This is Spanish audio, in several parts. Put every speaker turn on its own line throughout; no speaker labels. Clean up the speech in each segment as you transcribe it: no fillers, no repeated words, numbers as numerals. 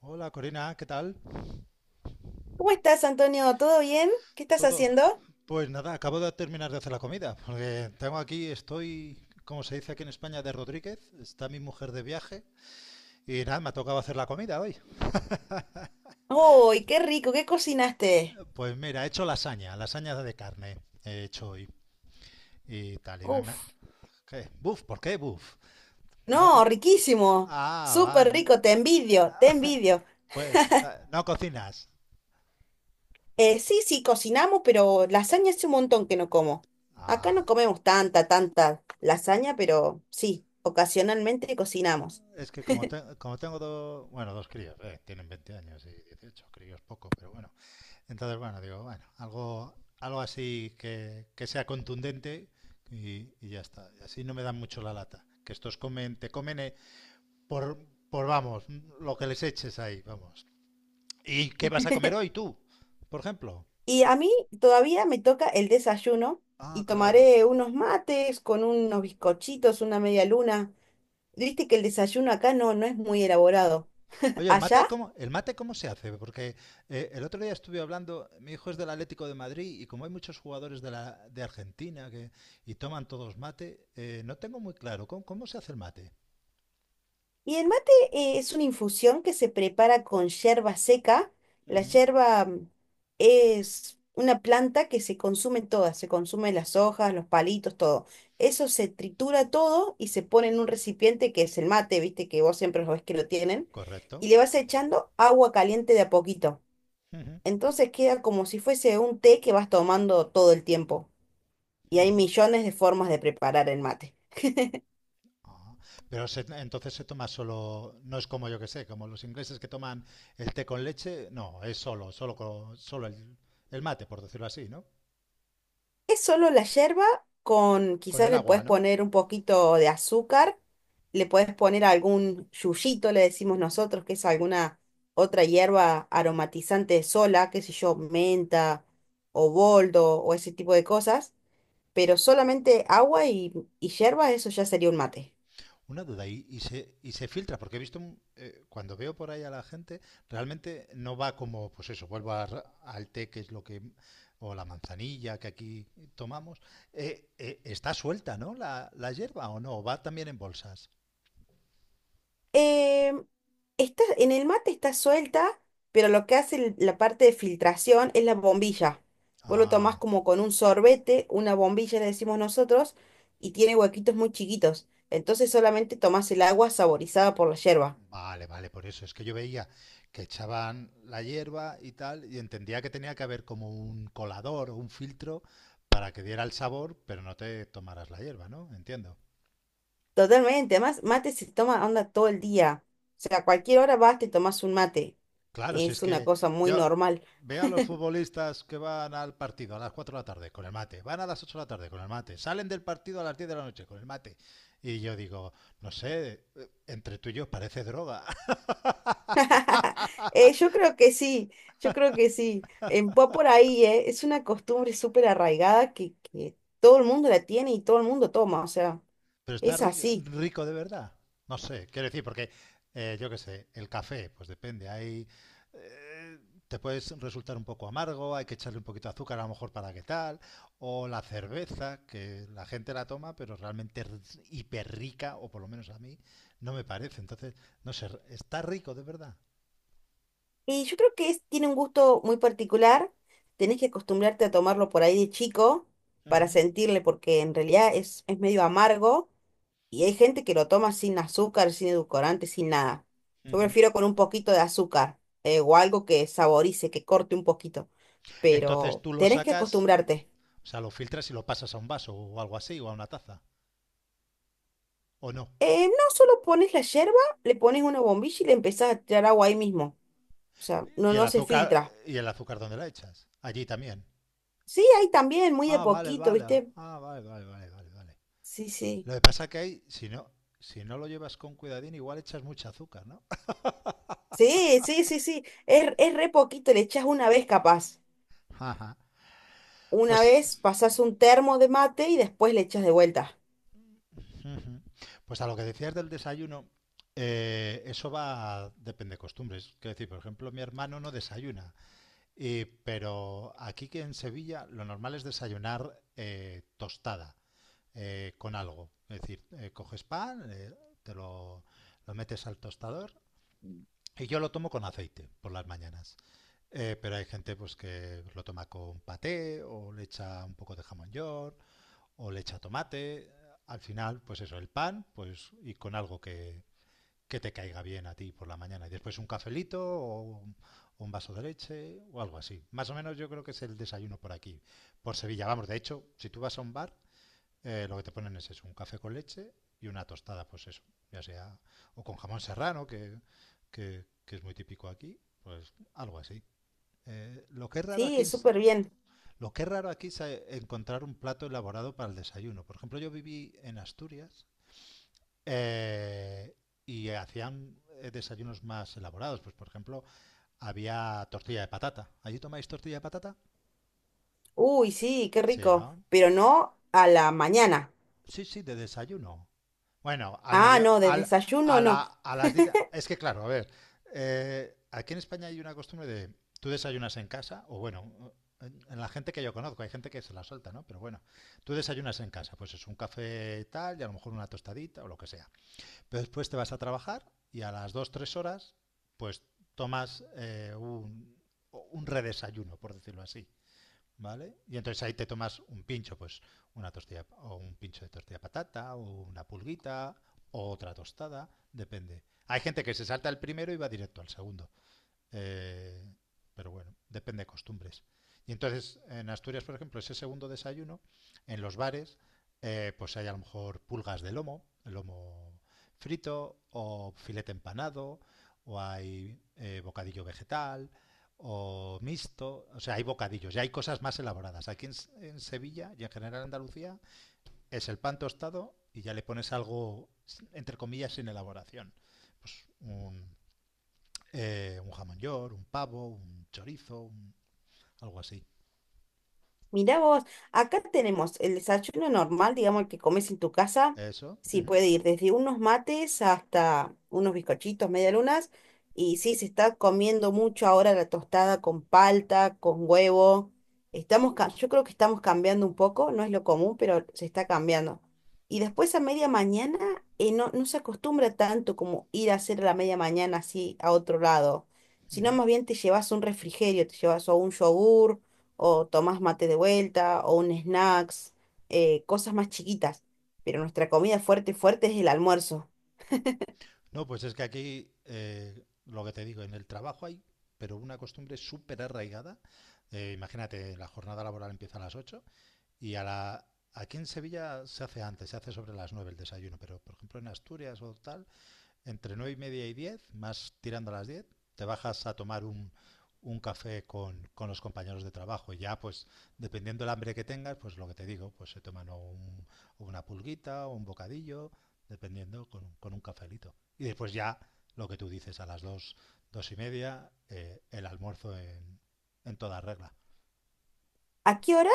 Hola Corina, ¿qué tal?
¿Cómo estás, Antonio? ¿Todo bien? ¿Qué estás
¿Todo?
haciendo?
Pues nada, acabo de terminar de hacer la comida, porque tengo aquí, estoy, como se dice aquí en España, de Rodríguez, está mi mujer de viaje y nada, me ha tocado hacer la comida hoy.
¡Uy, qué rico! ¿Qué cocinaste?
Pues mira, he hecho lasaña, lasaña de carne he hecho hoy y tal,
Uf,
¿Qué? ¿Buf? ¿Por qué buf? No.
no, riquísimo.
Ah,
Súper
vale.
rico, te envidio, te envidio.
Pues, no cocinas.
Sí, sí, cocinamos, pero lasaña hace un montón que no como. Acá no
Ah,
comemos tanta lasaña, pero sí, ocasionalmente cocinamos.
es que como tengo dos, bueno, dos críos, tienen 20 años y 18. Críos poco, pero bueno. Entonces, bueno, digo, bueno, algo así que sea contundente y ya está. Y así no me dan mucho la lata. Que estos comen, te comen, por, vamos, lo que les eches ahí, vamos. ¿Y qué vas a comer hoy tú, por ejemplo?
Y a mí todavía me toca el desayuno
Ah,
y
claro.
tomaré unos mates con unos bizcochitos, una media luna. Viste que el desayuno acá no es muy elaborado.
Oye, ¿el mate
¿Allá?
cómo, el mate cómo se hace? Porque el otro día estuve hablando, mi hijo es del Atlético de Madrid y como hay muchos jugadores de Argentina y toman todos mate, no tengo muy claro ¿cómo, se hace el mate.
Y el mate es una infusión que se prepara con yerba seca.
Uh
La
-huh.
yerba es una planta que se consume toda, se consume las hojas, los palitos, todo. Eso se tritura todo y se pone en un recipiente que es el mate, viste que vos siempre lo ves que lo tienen,
Correcto.
y le vas echando agua caliente de a poquito.
Uh -huh.
Entonces queda como si fuese un té que vas tomando todo el tiempo.
Uh
Y hay
-huh.
millones de formas de preparar el mate.
Ah, pero entonces se toma solo, no es como, yo que sé, como los ingleses que toman el té con leche. No, es solo, solo el, mate, por decirlo así, ¿no?
Es solo la yerba con,
Con
quizás
el
le
agua,
puedes
¿no?
poner un poquito de azúcar, le puedes poner algún yuyito, le decimos nosotros, que es alguna otra hierba aromatizante sola, qué sé yo, menta o boldo o ese tipo de cosas, pero solamente agua y yerba, eso ya sería un mate.
Una duda, y se filtra, porque he visto, cuando veo por ahí a la gente, realmente no va como, pues eso, vuelvo al té, que es lo que, o la manzanilla que aquí tomamos, está suelta, ¿no? La hierba o no, va también en bolsas.
Eh, en el mate está suelta, pero lo que hace la parte de filtración es la bombilla. Vos lo tomás
Ah,
como con un sorbete, una bombilla le decimos nosotros, y tiene huequitos muy chiquitos. Entonces solamente tomás el agua saborizada por la yerba.
vale, vale, por eso. Es que yo veía que echaban la hierba y tal, y entendía que tenía que haber como un colador o un filtro para que diera el sabor, pero no te tomaras la hierba, ¿no? Entiendo.
Totalmente, además mate se toma onda todo el día. O sea, a cualquier hora vas, te tomás un mate.
Claro, si es
Es una
que
cosa muy
yo
normal.
veo a los futbolistas que van al partido a las 4 de la tarde con el mate, van a las 8 de la tarde con el mate, salen del partido a las 10 de la noche con el mate. Y yo digo, no sé, entre tú y yo parece droga.
Yo creo que sí, yo creo que sí. Va por ahí, eh. Es una costumbre súper arraigada que todo el mundo la tiene y todo el mundo toma, o sea,
Pero está
es así.
rico de verdad. No sé, quiero decir, porque yo qué sé, el café, pues depende. Eh, Te puedes resultar un poco amargo, hay que echarle un poquito de azúcar a lo mejor para que tal. O la cerveza, que la gente la toma, pero realmente es hiper rica, o por lo menos a mí, no me parece. Entonces, no sé, está rico de verdad.
Y yo creo que tiene un gusto muy particular. Tenés que acostumbrarte a tomarlo por ahí de chico para
Ujú,
sentirle, porque en realidad es medio amargo y hay gente que lo toma sin azúcar, sin edulcorante, sin nada. Yo
ujú.
prefiero con un poquito de azúcar, o algo que saborice, que corte un poquito.
Entonces
Pero
tú lo
tenés que
sacas,
acostumbrarte.
o sea, lo filtras y lo pasas a un vaso o algo así, o a una taza, o no.
No solo pones la yerba, le pones una bombilla y le empezás a tirar agua ahí mismo. O sea,
¿Y el
no se
azúcar,
filtra.
y el azúcar, ¿dónde la echas? Allí también.
Sí, ahí también, muy de
Ah, vale,
poquito,
vale.
¿viste?
Ah, vale, vale, vale, vale, vale.
Sí, sí.
Lo que pasa que hay, si no lo llevas con cuidadín, igual echas mucha azúcar, ¿no?
Sí, sí, sí, sí. Es re poquito, le echás una vez capaz.
Ajá.
Una
Pues,
vez pasás un termo de mate y después le echas de vuelta.
pues a lo que decías del desayuno, eso va, depende de costumbres. Quiero decir, por ejemplo, mi hermano no desayuna, pero aquí que en Sevilla lo normal es desayunar, tostada, con algo. Es decir, coges pan, te lo, lo metes al tostador y yo lo tomo con aceite por las mañanas. Pero hay gente pues que lo toma con paté o le echa un poco de jamón york o le echa tomate. Al final, pues eso, el pan, pues y con algo que te caiga bien a ti por la mañana. Y después un cafelito o un vaso de leche o algo así. Más o menos yo creo que es el desayuno por aquí, por Sevilla. Vamos, de hecho, si tú vas a un bar, lo que te ponen es eso, un café con leche y una tostada, pues eso, ya sea, o con jamón serrano, que es muy típico aquí, pues algo así. Eh, lo que es raro aquí
Sí,
en,
súper bien.
lo que es raro aquí es, encontrar un plato elaborado para el desayuno. Por ejemplo, yo viví en Asturias, eh, y hacían, desayunos más elaborados. Pues, por ejemplo, había tortilla de patata. ¿Allí tomáis tortilla de patata?
Uy, sí, qué
Sí,
rico.
¿no?
Pero no a la mañana.
Sí, sí, de desayuno. Bueno, al
Ah,
medio,
no, de
al,
desayuno
a la,
no.
a las 10. Es que claro, a ver, aquí en España hay una costumbre de, tú desayunas en casa, o bueno, en la gente que yo conozco, hay gente que se la suelta, ¿no? Pero bueno, tú desayunas en casa, pues es un café y tal, y a lo mejor una tostadita o lo que sea. Pero después te vas a trabajar y a las 2, 3 horas, pues tomas, un redesayuno, por decirlo así. ¿Vale? Y entonces ahí te tomas un pincho, pues una tortilla o un pincho de tortilla de patata o una pulguita o otra tostada, depende. Hay gente que se salta el primero y va directo al segundo. Eh, pero bueno, depende de costumbres. Y entonces, en Asturias, por ejemplo, ese segundo desayuno, en los bares, pues hay a lo mejor pulgas de lomo, lomo frito, o filete empanado, o hay, bocadillo vegetal, o mixto. O sea, hay bocadillos, ya hay cosas más elaboradas. Aquí en, en Sevilla y en general en Andalucía es el pan tostado y ya le pones algo, entre comillas, sin elaboración. Pues un jamón york, un pavo, un chorizo, algo así.
Mirá vos, acá tenemos el desayuno normal, digamos, el que comes en tu casa.
Eso.
Sí,
Ujú,
puede ir desde unos mates hasta unos bizcochitos, medialunas. Y sí, se está comiendo mucho ahora la tostada con palta, con huevo. Estamos, yo creo que estamos cambiando un poco, no es lo común, pero se está cambiando. Y después a media mañana, no se acostumbra tanto como ir a hacer a la media mañana así a otro lado, sino
ujú.
más bien te llevas un refrigerio, te llevas o un yogur o tomás mate de vuelta, o un snacks, cosas más chiquitas. Pero nuestra comida fuerte es el almuerzo.
No, pues es que aquí, lo que te digo, en el trabajo pero una costumbre súper arraigada. Imagínate, la jornada laboral empieza a las 8 y a la... Aquí en Sevilla se hace antes, se hace sobre las 9 el desayuno, pero por ejemplo en Asturias o tal, entre 9:30 y 10, más tirando a las 10 te bajas a tomar un café con los compañeros de trabajo. Ya, pues, dependiendo del hambre que tengas, pues lo que te digo, pues se toman o una pulguita o un bocadillo, dependiendo un cafelito. Y después ya, lo que tú dices, a las 2, 2:30, el almuerzo en, toda regla.
¿A qué hora?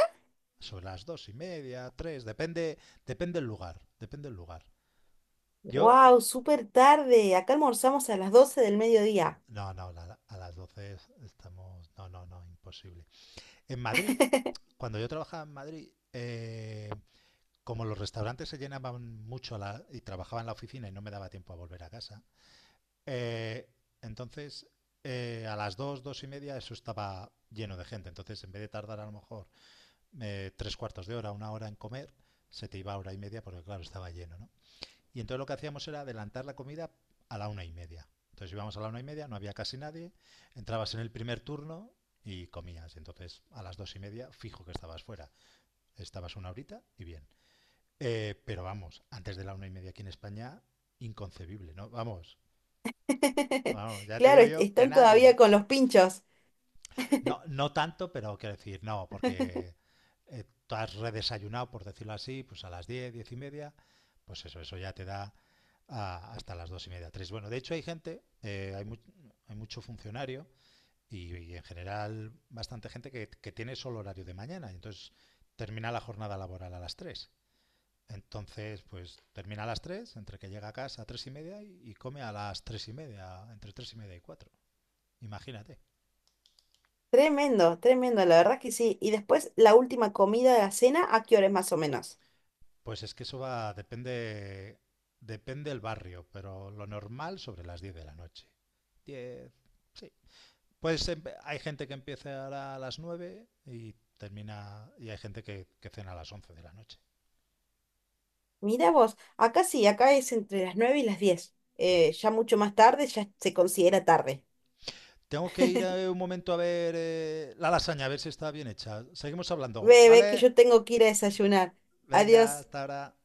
Sobre las 2:30, 3, depende el lugar, depende el lugar. Yo,
¡Wow!
eh,
Súper tarde. Acá almorzamos a las 12 del mediodía.
No, no, a las 12 estamos. No, no, no, imposible. En Madrid, cuando yo trabajaba en Madrid, como los restaurantes se llenaban mucho y trabajaba en la oficina y no me daba tiempo a volver a casa, eh, entonces a las 2, 2:30 eso estaba lleno de gente. Entonces, en vez de tardar a lo mejor, tres cuartos de hora, una hora en comer, se te iba hora y media porque, claro, estaba lleno, ¿no? Y entonces lo que hacíamos era adelantar la comida a la 1:30. Entonces íbamos a la 1:30, no había casi nadie, entrabas en el primer turno y comías. Entonces a las 2:30 fijo que estabas fuera. Estabas una horita y bien. Pero vamos, antes de la 1:30 aquí en España, inconcebible, ¿no? Vamos, vamos, ya te
Claro,
digo yo que
están
nadie,
todavía
¿eh?
con los pinchos.
No, no tanto, pero quiero decir, no, porque tú has redesayunado, por decirlo así, pues a las 10, 10:30, pues eso ya te da hasta las 2:30, 3. Bueno, de hecho hay gente, hay mucho funcionario y en general bastante gente que tiene solo horario de mañana y entonces termina la jornada laboral a las 3. Entonces, pues termina a las 3, entre que llega a casa a 3:30 y come a las 3:30, entre 3:30 y 4. Imagínate.
Tremendo, tremendo, la verdad que sí. Y después la última comida de la cena, ¿a qué hora es más o menos?
Pues es que eso va, depende el barrio, pero lo normal sobre las 10 de la noche. 10, sí. Pues hay gente que empieza a las 9 y termina, y hay gente que cena a las 11 de la noche,
Mirá vos, acá sí, acá es entre las 9 y las 10.
por eso.
Ya mucho más tarde, ya se considera tarde.
Tengo que ir, un momento a ver, la lasaña, a ver si está bien hecha. Seguimos hablando,
Ve, ve que
¿vale?
yo tengo que ir a desayunar.
Venga,
Adiós.
hasta ahora.